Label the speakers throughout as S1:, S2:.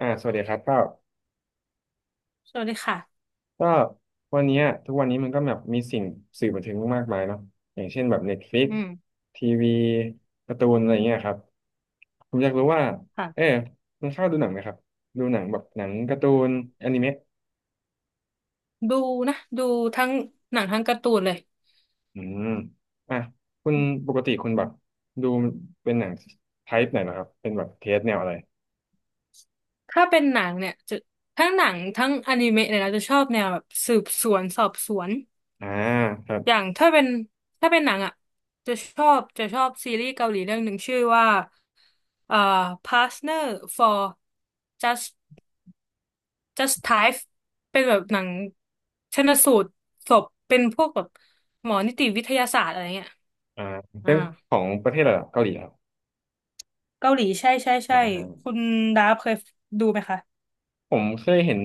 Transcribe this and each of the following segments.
S1: สวัสดีครับก็
S2: สวัสดีค่ะ
S1: ก็วันเนี้ยทุกวันนี้มันก็แบบมีสิ่งสื่อบันเทิงมากมายเนาะอย่างเช่นแบบ Netflix
S2: อืม
S1: ทีวีการ์ตูนอะไรเงี้ยครับผมอยากรู้ว่าเออ
S2: ค่ะ
S1: คุณเข้าดูหนังไหมครับดูหนังแบบหนังการ์ตูนอนิเมะ
S2: ดูนะ ดูทั้งหนังทั้งการ์ตูนเลย
S1: อืมอ่ะคุณปกติคุณแบบดูเป็นหนังไทป์ไหนนะครับเป็นแบบเทสแนวอะไร
S2: ถ้าเป็นหนังเนี่ยจะทั้งหนังทั้งอนิเมะเลยนะจะชอบแนวแบบสืบสวนสอบสวน
S1: อ่าครับ
S2: อย่างถ้าเป็นหนังอ่ะจะชอบซีรีส์เกาหลีเรื่องหนึ่งชื่อว่าเอ่อ Partner for Just Just Type เป็นแบบหนังชันสูตรศพเป็นพวกแบบหมอนิติวิทยาศาสตร์อะไรเงี้ย
S1: อ่า
S2: อ่า
S1: เป็นของประเทศอะไรเหรอเกาหลีครับ
S2: เกาหลีใช่ใช่
S1: อ่
S2: ใช่
S1: า
S2: คุณดาฟเคยดูไหมคะ
S1: ผมเคยเห็น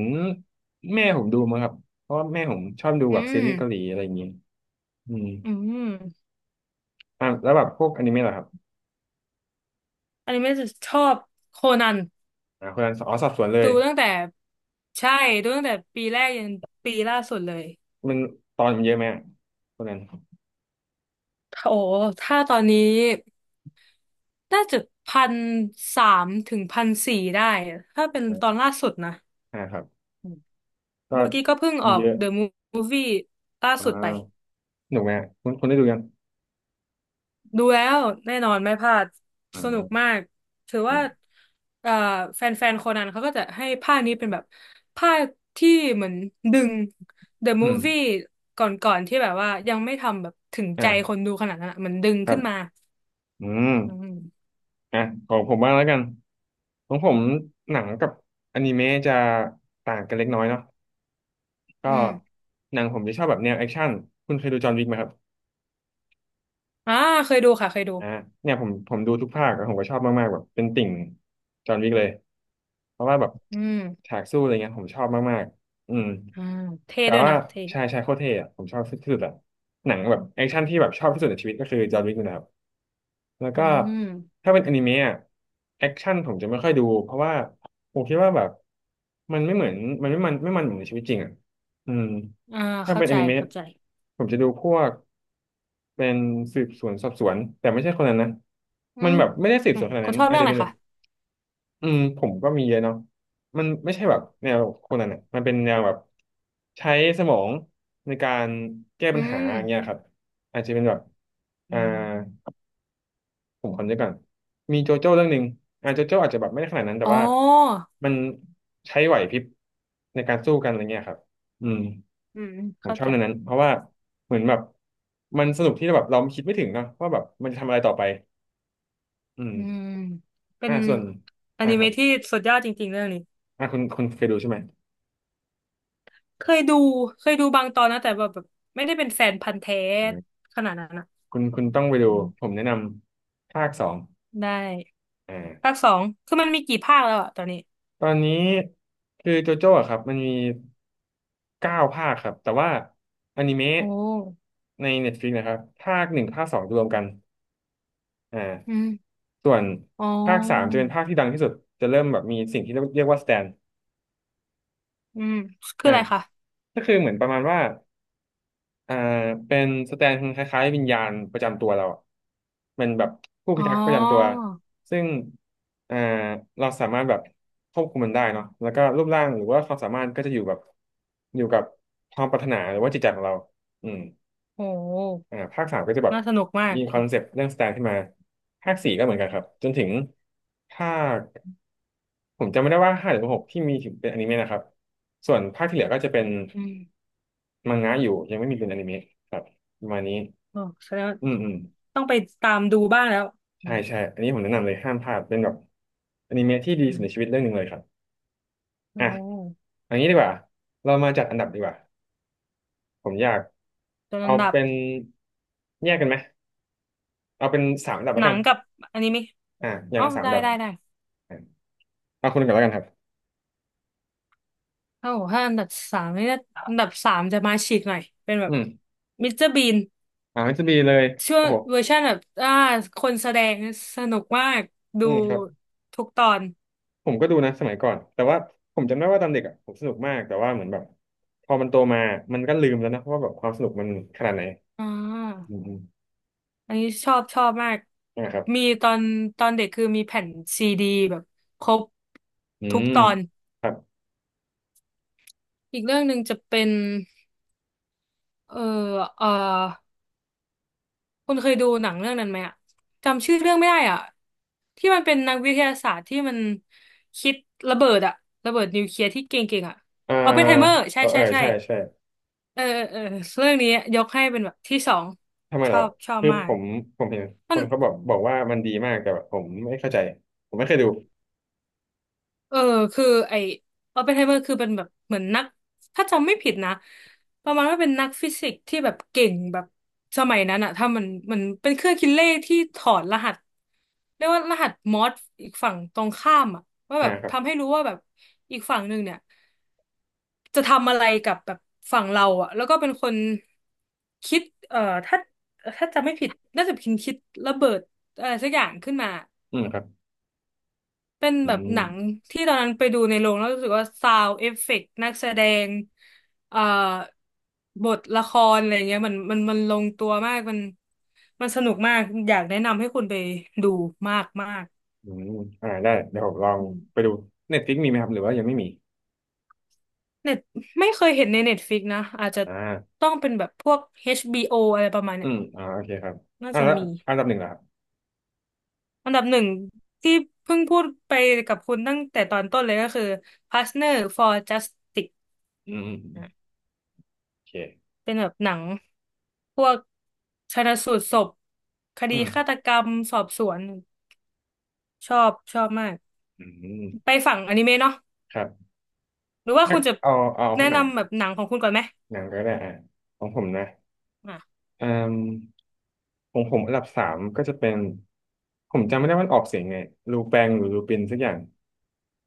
S1: แม่ผมดูมั้งครับเพราะว่าแม่ผมชอบดู
S2: อื
S1: แบบซี
S2: ม
S1: รีส์เกาหลีอะไรอย่างเงี้ยอืม
S2: อืม
S1: อ่ะแล้วแบบพวกอนิเมะเหรอครับ
S2: อันนี้ไม่ได้ชอบโคนัน
S1: คนนั้นอ๋อสอบสวนเล
S2: ดู
S1: ย
S2: ตั้งแต่ใช่ดูตั้งแต่ปีแรกยันปีล่าสุดเลย
S1: มันตอนมันเยอะไหมอะคนนั้น
S2: โอ้ถ้าตอนนี้น่าจะพันสามถึงพันสี่ได้ถ้าเป็น
S1: อ่
S2: ตอน
S1: า
S2: ล่าสุดนะ
S1: ครับก็
S2: เมื่อกี้ก็เพิ่ง
S1: มั
S2: อ
S1: น
S2: อก
S1: เยอะ
S2: The Movie ล่า
S1: อ่
S2: สุดไป
S1: าหนุกไหมอะคุณคุณได้ดูยัง
S2: ดูแล้วแน่นอนไม่พลาดสนุก
S1: อ่า
S2: มากถือ
S1: อื
S2: ว่า
S1: ม
S2: เอ่อแฟนๆโคนันเขาก็จะให้ภาคนี้เป็นแบบภาคที่เหมือนดึง The
S1: อืม
S2: Movie ก่อนๆที่แบบว่ายังไม่ทำแบบถึงใจคน
S1: อ่า
S2: ดูขนาดนั้นอะเหมือนดึง
S1: ครั
S2: ขึ้นมา
S1: บอืม
S2: อืม
S1: อ่ะของผมบ้างแล้วกันของผมหนังกับอนิเมะจะต่างกันเล็กน้อยเนาะก็
S2: อืม
S1: หนังผมจะชอบแบบแนวแอคชั่นคุณเคยดูจอห์นวิกไหมครับ
S2: อ่าเคยดูค่ะเคยดู
S1: อ่าเนี่ยผมดูทุกภาคอะผมก็ชอบมากๆแบบเป็นติ่งจอห์นวิกเลยเพราะว่าแบบ
S2: อืม
S1: ฉากสู้อะไรเงี้ยผมชอบมากๆ
S2: อ่าเท่
S1: แต่
S2: ด้วย
S1: ว่า
S2: นะเท่
S1: ชายโคตรเท่อะผมชอบที่สุดอะหนังแบบแอคชั่นที่แบบชอบที่สุดในชีวิตก็คือจอห์นวิกนะครับแล้ว
S2: อื
S1: ก็
S2: ม
S1: ถ้าเป็นอนิเมะอะแอคชั่นผมจะไม่ค่อยดูเพราะว่าผมคิดว่าแบบมันไม่เหมือนมันเหมือนในชีวิตจริงอ่ะอืม
S2: อ่า
S1: ถ้า
S2: เข้า
S1: เป็นอ
S2: ใจ
S1: นิเมะ
S2: เข้าใจ
S1: ผมจะดูพวกเป็นสืบสวนสอบสวนแต่ไม่ใช่คนนั้นนะ
S2: อื
S1: มัน
S2: ม
S1: แบบไม่ได้สืบ
S2: อื
S1: ส
S2: ม
S1: วนขนาด
S2: คุณ
S1: นั้น
S2: ชอบ
S1: อาจ
S2: เรื่อง
S1: จะ
S2: อะไร
S1: เป็นแบ
S2: คะ
S1: บผมก็มีเยอะเนาะมันไม่ใช่แบบแนวคนนั้นอ่ะมันเป็นแนวแบบใช้สมองในการแก้
S2: อื
S1: ปัญหา
S2: ม
S1: อย่างเงี้ยครับอาจจะเป็นแบบอ่า
S2: อืม
S1: ผมคำนึกก่อนมีโจโจ้เรื่องหนึ่งโจโจ้อาจจะแบบไม่ได้ขนาดนั้นแต่
S2: อ๋อ
S1: ว่ามันใช้ไหวพริบในการสู้กันอะไรเงี้ยครับอืม
S2: อืม
S1: ผม
S2: เข้า
S1: ชอบ
S2: ใจ
S1: เรื่องนั้นเพราะว่าเหมือนแบบมันสนุกที่แบบเราคิดไม่ถึงเนอะว่าแบบมันจะทำอะไรต่อไปอืม
S2: อืมเป็น
S1: ส่วน
S2: อ
S1: อ่า
S2: นิ
S1: ครับ
S2: เมะที่สุดยอดจริงๆเรื่องนี้
S1: คุณเคยดูใช่ไหม
S2: เคยดูเคยดูบางตอนนะแต่แบบไม่ได้เป็นแฟนพันธุ์แท้
S1: อ่า
S2: ขนาดนั้นอ่ะ
S1: คุณต้องไปดู
S2: อืม
S1: ผมแนะนำภาคสอง
S2: ได้
S1: อ
S2: ภาค
S1: ่า
S2: สองคือมันมีกี่ภาคแล้วอะตอนนี้
S1: ตอนนี้คือโจโจ้อะครับมันมีเก้าภาคครับแต่ว่าอนิเมะ
S2: โอ้
S1: ใน Netflix นะครับภาคหนึ่งภาคสองรวมกันอ่า
S2: อืม
S1: ส่วน
S2: อ๋
S1: ภาคสามจะ
S2: อ
S1: เป็นภาคที่ดังที่สุดจะเริ่มแบบมีสิ่งที่เรียกว่าสแตน
S2: อืมคือ
S1: อ่า
S2: อะไรคะ
S1: ก็คือเหมือนประมาณว่าอ่าเป็นสแตนคล้ายๆวิญญาณประจำตัวเราอะเป็นแบบผู้
S2: อ๋
S1: พิ
S2: อ
S1: ทักษ์ประจำตัวซึ่งอ่าเราสามารถแบบควบคุมมันได้เนาะแล้วก็รูปร่างหรือว่าความสามารถก็จะอยู่แบบอยู่กับความปรารถนาหรือว่าจิตใจของเราอืม
S2: โห
S1: ภาคสามก็จะแบบ
S2: น่าสนุกมาก
S1: มีคอนเซปต์เรื่องสแตนขึ้นมาภาคสี่ก็เหมือนกันครับจนถึงภาคผมจำไม่ได้ว่าห้าหรือหกที่มีถึงเป็นอนิเมะนะครับส่วนภาคที่เหลือก็จะเป็น
S2: อืม
S1: มังงะอยู่ยังไม่มีเป็นอนิเมะครับประมาณนี้
S2: โอ้แสดงว่า
S1: อืมอืม
S2: ต้องไปตามดูบ้างแล้วอื
S1: ใช่
S2: ม
S1: ใช่อันนี้ผมแนะนำเลยห้ามพลาดเป็นแบบอนิเมะที่ดี
S2: อื
S1: สุดในชีวิต
S2: ม
S1: เรื่องหนึ่งเลยครับ
S2: โอ
S1: อ่ะ
S2: ้
S1: เอันนี้ดีกว่าเรามาจัดอันดับดีกว่าผมอยาก
S2: ตัวอั
S1: เอา
S2: นดับ
S1: เป็นแยกกันไหมเอาเป็นสามอันดับ
S2: ห
S1: แล้ว
S2: นั
S1: กั
S2: ง
S1: น
S2: กับอนิเมะ
S1: อ่ะอย่า
S2: อ๋
S1: ง
S2: อ
S1: ละสาม
S2: ได้
S1: อันดับ
S2: ได้ได้
S1: อ่ะเอาคนหนึ่งก่อนแล้วกันครับ
S2: ถ้าบอกถ้าอันดับสามนี่น่าอันดับสามจะมาฉีกหน่อยเป็นแบ
S1: อื
S2: บ
S1: ม
S2: มิสเตอร์บีน
S1: มันจะมีเลย
S2: ช่ว
S1: โอ้
S2: ง
S1: โห
S2: เวอร์ชันแบบคนแสดงสนุกมากดู
S1: อืมครับ
S2: ทุกตอน
S1: ผมก็ดูนะสมัยก่อนแต่ว่าผมจำได้ว่าตอนเด็กอ่ะผมสนุกมากแต่ว่าเหมือนแบบพอมันโตมามันก็ลืมแล้วนะว่าแบบความสนุกมันขนาดไหน
S2: อ่าอันนี้ชอบชอบมาก
S1: นะครับ
S2: มีตอนเด็กคือมีแผ่นซีดีแบบครบ
S1: อื
S2: ทุก
S1: ม
S2: ตอน
S1: ครับ
S2: อีกเรื่องหนึ่งจะเป็นเอ่อเอ่อ คุณเคยดูหนังเรื่องนั้นไหมอะจำชื่อเรื่องไม่ได้อ่ะที่มันเป็นนักวิทยาศาสตร์ที่มันคิดระเบิดอะระเบิดนิวเคลียร์ที่เก่งๆอะ
S1: อ่า
S2: ออปเพนไฮเมอร์ใช่
S1: เออเอ
S2: ใช่
S1: อ
S2: ใช่
S1: ใช่ ใช่
S2: เออเออเออเรื่องนี้ยกให้เป็นแบบที่สอง
S1: ทำไม
S2: ช
S1: เหร
S2: อ
S1: อ
S2: บชอบ
S1: คือ
S2: มา
S1: ผ
S2: ก
S1: มผมเห็นค
S2: มัน
S1: นเขาบอกว่ามันดีมากแต่แบบผมไม่เข้าใจ ผมไม่เคยดู
S2: เออคือไอออปเพนไฮเมอร์คือเป็นแบบเหมือนนักถ้าจำไม่ผิดนะประมาณว่าเป็นนักฟิสิกส์ที่แบบเก่งแบบสมัยนั้นอะถ้ามันเป็นเครื่องคิดเลขที่ถอดรหัสเรียกว่ารหัสมอร์สอีกฝั่งตรงข้ามอะว่า
S1: อ่า
S2: แบบ
S1: ครับ
S2: ทำให้รู้ว่าแบบอีกฝั่งหนึ่งเนี่ยจะทำอะไรกับแบบฝั่งเราอะแล้วก็เป็นคนคิดเอ่อถ้าจำไม่ผิดน่าจะเป็นคิดระเบิดอะไรสักอย่างขึ้นมา
S1: อืมครับ
S2: เป็น
S1: อื
S2: แบบหนัง
S1: ม
S2: ที่ตอนนั้นไปดูในโรงแล้วรู้สึกว่าซาวเอฟเฟกต์นักแสดงเอ่อบทละครอะไรเงี้ยมันมันลงตัวมากมันมันสนุกมากอยากแนะนำให้คุณไปดูมากมาก
S1: อืมได้เดี๋ยวผมลอง
S2: อืม
S1: ไปดูเน็ตฟลิกมีไหมครับ หรือว่ายังไม่มี
S2: เน็ตไม่เคยเห็นในเน็ตฟ i ิกนะอาจจะ
S1: อ่า
S2: ต้องเป็นแบบพวก HBO อชบีโออะไรประมาณ
S1: อื
S2: เนี้ย
S1: มอ่าโอเคครับ
S2: น่าจะ
S1: แล้ว
S2: มี
S1: อันดับหนึ่งเหรอครับ
S2: อันดับหนึ่งที่เพิ่งพูดไปกับคุณตั้งแต่ตอนต้นเลยก็คือ Partner for Justice
S1: อืมอืมอืมโอเค
S2: เป็นแบบหนังพวกชันสูตรศพค
S1: อื
S2: ดี
S1: ม
S2: ฆาตกรรมสอบสวนชอบชอบมาก
S1: อืม
S2: ไปฝั่งอนิเมะเนาะ
S1: ครับ
S2: หรือว่าคุณจะ
S1: เอาเอา
S2: แนะ
S1: หนัง
S2: นำแบบหนังของคุณก่อนไหม
S1: หนังก็ได้อ่ะของผมนะ
S2: อ่ะ
S1: อืม ของผมอันดับสามก็จะเป็นผมจำไม่ได้ว่ามันออกเสียงไงลูแปงหรือลูปินสักอย่าง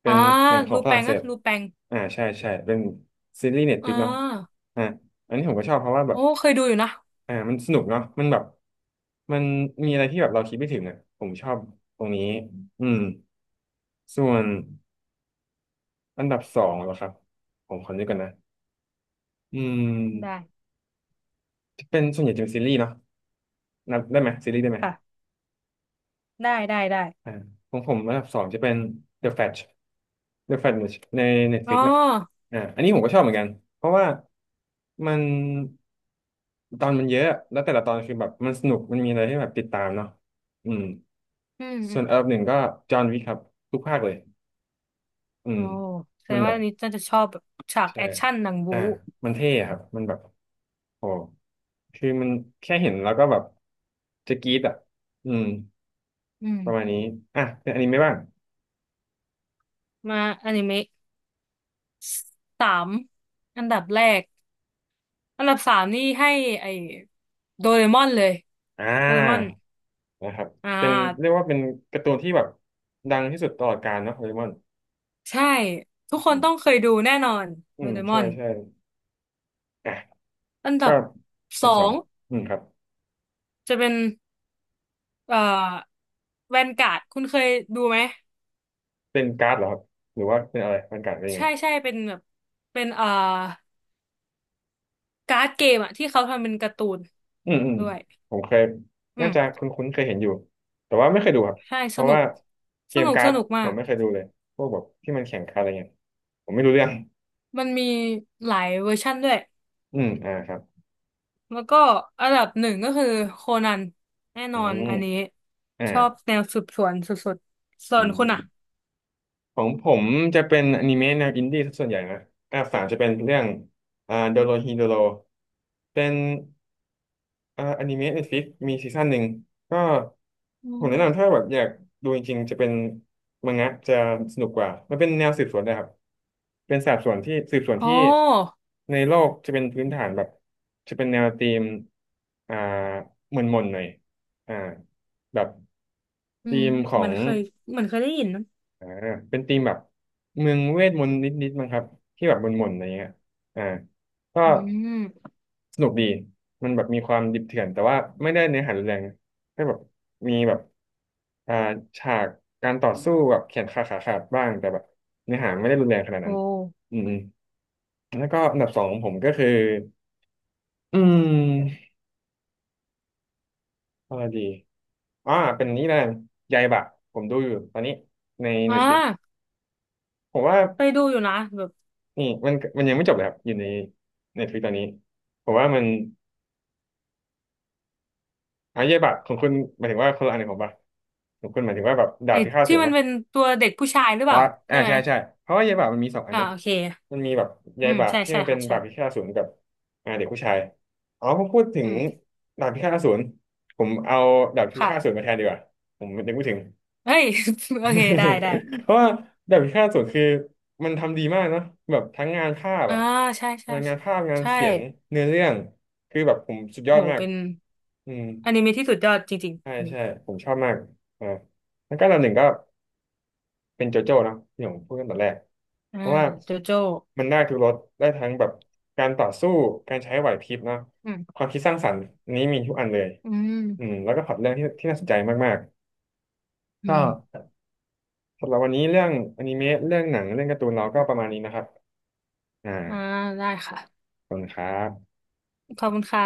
S1: เป็
S2: อ่า
S1: นหนังของ
S2: รู
S1: ฝ
S2: แป
S1: รั่ง
S2: ง
S1: เศ
S2: อะ
S1: ส
S2: รูแปง
S1: อ่าใช่ใช่เป็นซีรีส์เน็ตฟ
S2: อ่
S1: ลิกเนาะ
S2: า
S1: อ่าอันนี้ผมก็ชอบเพราะว่าแบ
S2: โอ้
S1: บ
S2: เคยดูอยู่นะ
S1: มันสนุกเนาะมันแบบมันมีอะไรที่แบบเราคิดไม่ถึงอ่ะผมชอบตรงนี้อืมส่วนอันดับสองเหรอครับผมขอนึกก่อนนะอื
S2: ได้
S1: มเป็นส่วนใหญ่จะเป็นซีรีส์เนาะนับได้ไหมซีรีส์ได้ไหม
S2: ค่ะได้ได้ได้
S1: อ่าของผมอันดับสองจะเป็น The Flash The Flash ใน
S2: อ๋อ
S1: Netflix นะอ่าอันนี้ผมก็ชอบเหมือนกัน เพราะว่ามันตอนมันเยอะ แล้วแต่ละตอนคือแบบมันสนุก มันมีอะไรให้แบบติดตามเนาะอืม
S2: อืมอื
S1: ส่
S2: ม
S1: วนอันดับหนึ่งก็จอห์นวิกครับทุกภาคเลยอื
S2: โอ้
S1: ม
S2: แสด
S1: มัน
S2: ง
S1: แบ
S2: ว่า
S1: บ
S2: อันนี้น่าจะชอบแบบฉาก
S1: ใช่
S2: แอคชั่นหนัง
S1: อ่า
S2: บู๊
S1: มันเท่อะครับ มันแบบโอ้คือมันแค่เห็นแล้วก็แบบจะกรี๊ดอ่ะอืม
S2: อืม
S1: ประมาณนี้ อ่ะเป็นอนิเมะบ้าง
S2: มาอนิเมะสามอันดับแรก อันดับสามนี่ให้ไอ้โดเรมอนเลย
S1: อ่า
S2: โดเรมอน
S1: นะครับ
S2: อ่
S1: เป็นเรียก
S2: า
S1: ว่าเป็นการ์ตูนที่แบบดังที่สุดตลอดกาลเนาะโดเรมอน
S2: ใช่ทุกคน
S1: อืม
S2: ต้องเคยดูแน่นอน
S1: อื
S2: โด
S1: ม
S2: เรม
S1: ใช่
S2: อน
S1: ใช่อ่ะ
S2: อันดั
S1: ก็
S2: บส
S1: เป็น
S2: อ
S1: สอ
S2: ง
S1: งอืมครับ
S2: จะเป็นเอ่อแวนการ์ดคุณเคยดูไหม
S1: เป็นการ์ดเหรอครับหรือว่าเป็นอะไรเป็นการ์ดเป็นยังไง
S2: ใช่ใช่เป็นแบบเป็นการ์ดเกมอะที่เขาทำเป็นการ์ตูน
S1: อืมอืม
S2: ด้วย
S1: ผมเคย
S2: อื
S1: น่าจะ
S2: ม
S1: คุ้นๆเคยเห็นอยู่แต่ว่าไม่เคยดูครับ
S2: ใช่
S1: เพ
S2: ส
S1: ราะ
S2: นุก
S1: ว่าเกมกา
S2: ส
S1: ร์ด
S2: นุกมา
S1: ผม
S2: ก
S1: ไม่เคยดูเลยพวกแบบที่มันแข่งการ์ดอะไรเงี้ยผมไม่รู้เรื่อง
S2: มันมีหลายเวอร์ชั่นด้วย
S1: อืมอ่าครับ
S2: แล้วก็อันดับหนึ่งก็คือโคนันแน่น
S1: อื
S2: อน
S1: ม
S2: อันนี้
S1: อ่า
S2: ชอบแนวสืบสวนสุดๆส่
S1: อื
S2: วนคุณอ่ะ
S1: ม ของผมจะเป็นอนิเมะแนวอินดี้ซะส่วนใหญ่นะอันดับสามจะเป็นเรื่องโดโรฮีโดโรเป็นอนิเมะเน็ตฟลิกมีซีซั่นหนึ่งก็
S2: อื
S1: ผมแนะนำ
S2: ม
S1: ถ้าแบบอยากดูจริงๆจะเป็นมังงะจะสนุกกว่ามันเป็นแนวสืบสวนนะครับเป็นสอบสวนที่สืบสวน
S2: อ๋
S1: ที่
S2: อ
S1: ในโลกจะเป็นพื้นฐานแบบจะเป็นแนวธีมอ่าหม่นๆหน่อยอ่าแบบ
S2: อื
S1: ธี
S2: ม
S1: มขอ
S2: มั
S1: ง
S2: นเคยได้ยินนะ
S1: อ่าเป็นธีมแบบเมืองเวทมนต์นิดๆมั้งครับที่แบบมนๆอะไรเงี้ยอ่าก็
S2: อืม
S1: สนุกดีมันแบบมีความดิบเถื่อนแต่ว่าไม่ได้เนื้อหารุนแรงนะแค่แบบมีแบบอ่าฉากการต่อสู้แบบแขนขาขาดบ้างแต่แบบเนื้อหาไม่ได้รุนแรงขนาดนั้
S2: โอ้
S1: นอืมๆแล้วก็อันดับสองของผมก็คืออืมอะไรดีอ่าเป็นนี้แล้วกันยายบะผมดูอยู่ตอนนี้ใน
S2: อ่
S1: Netflix
S2: า
S1: ผมว่า
S2: ไปดูอยู่นะแบบ
S1: อืมมันยังไม่จบเลยครับอยู่ในในทวิตตอนนี้ผมว่ามันอาเย่บะของคุณหมายถึงว่าคนละอันของผมปะของคุณหมายถึงว่าแบบดาบ
S2: ไอ้
S1: พิฆาตอสู
S2: ที่
S1: ร
S2: มัน
S1: ปะ
S2: เป็นตัวเด็กผู้ชายหรือ
S1: อ๋
S2: เป
S1: อ
S2: ล่า
S1: อ่า
S2: ใช่ไหม
S1: ใช่ใช่เพราะว่าเย่บะมันมีสองอัน
S2: อ่า
S1: เนาะ
S2: โอเค
S1: มันมีแบบเย่
S2: อืม
S1: บะ
S2: ใช่
S1: ที่
S2: ใช่
S1: มันเป็น
S2: ค่ะใช่
S1: ดาบพิฆาตอสูรกับอ่าเด็กผู้ชายอ๋อพอพูดถึ
S2: อื
S1: ง
S2: ม
S1: ดาบพิฆาตอสูรผมเอาดาบพิ
S2: ค่ะ
S1: ฆาตอสูรมาแทนดีกว่าผมนึกไม่ถึง
S2: เฮ้ย โอเคได้ได้
S1: เพราะว่าแบบพิฆาตอสูรคือมันทำดีมากเนาะแบบทั้งงานภาพ
S2: อ่า
S1: อะ
S2: ใช่ใช่
S1: งานภาพงาน
S2: ใช่่
S1: เสียงเนื้อเรื่องคือแบบผมสุด
S2: โอ้
S1: ยอ
S2: โห
S1: ดมาก
S2: เป็น
S1: อืม
S2: อนิเมะที่สุดยอดจริง
S1: ใช่
S2: ๆอม
S1: ใช่ผมชอบมากอ่าแล้วก็อันดับหนึ่งก็เป็นโจโจ้เนอะที่ผมพูดตั้งแต่แรก
S2: อ่า
S1: เพราะว่า
S2: โจโจ้
S1: มันได้ทุกรสได้ทั้งแบบการต่อสู้การใช้ไหวพริบเนาะ
S2: อืม
S1: ความคิดสร้างสรรค์อันนี้มีทุกอันเลย
S2: อื
S1: อืม
S2: ม
S1: แล้วก็พล็อตเรื่องที่น่าสนใจมากๆ
S2: อื
S1: ก็
S2: ม
S1: สำหรับวันนี้เรื่องอนิเมะเรื่องหนังเรื่องการ์ตูนเราก็ประมาณนี้นะครับอ่า
S2: อ่าได้ค่ะ
S1: ขอบคุณครับ
S2: ขอบคุณค่ะ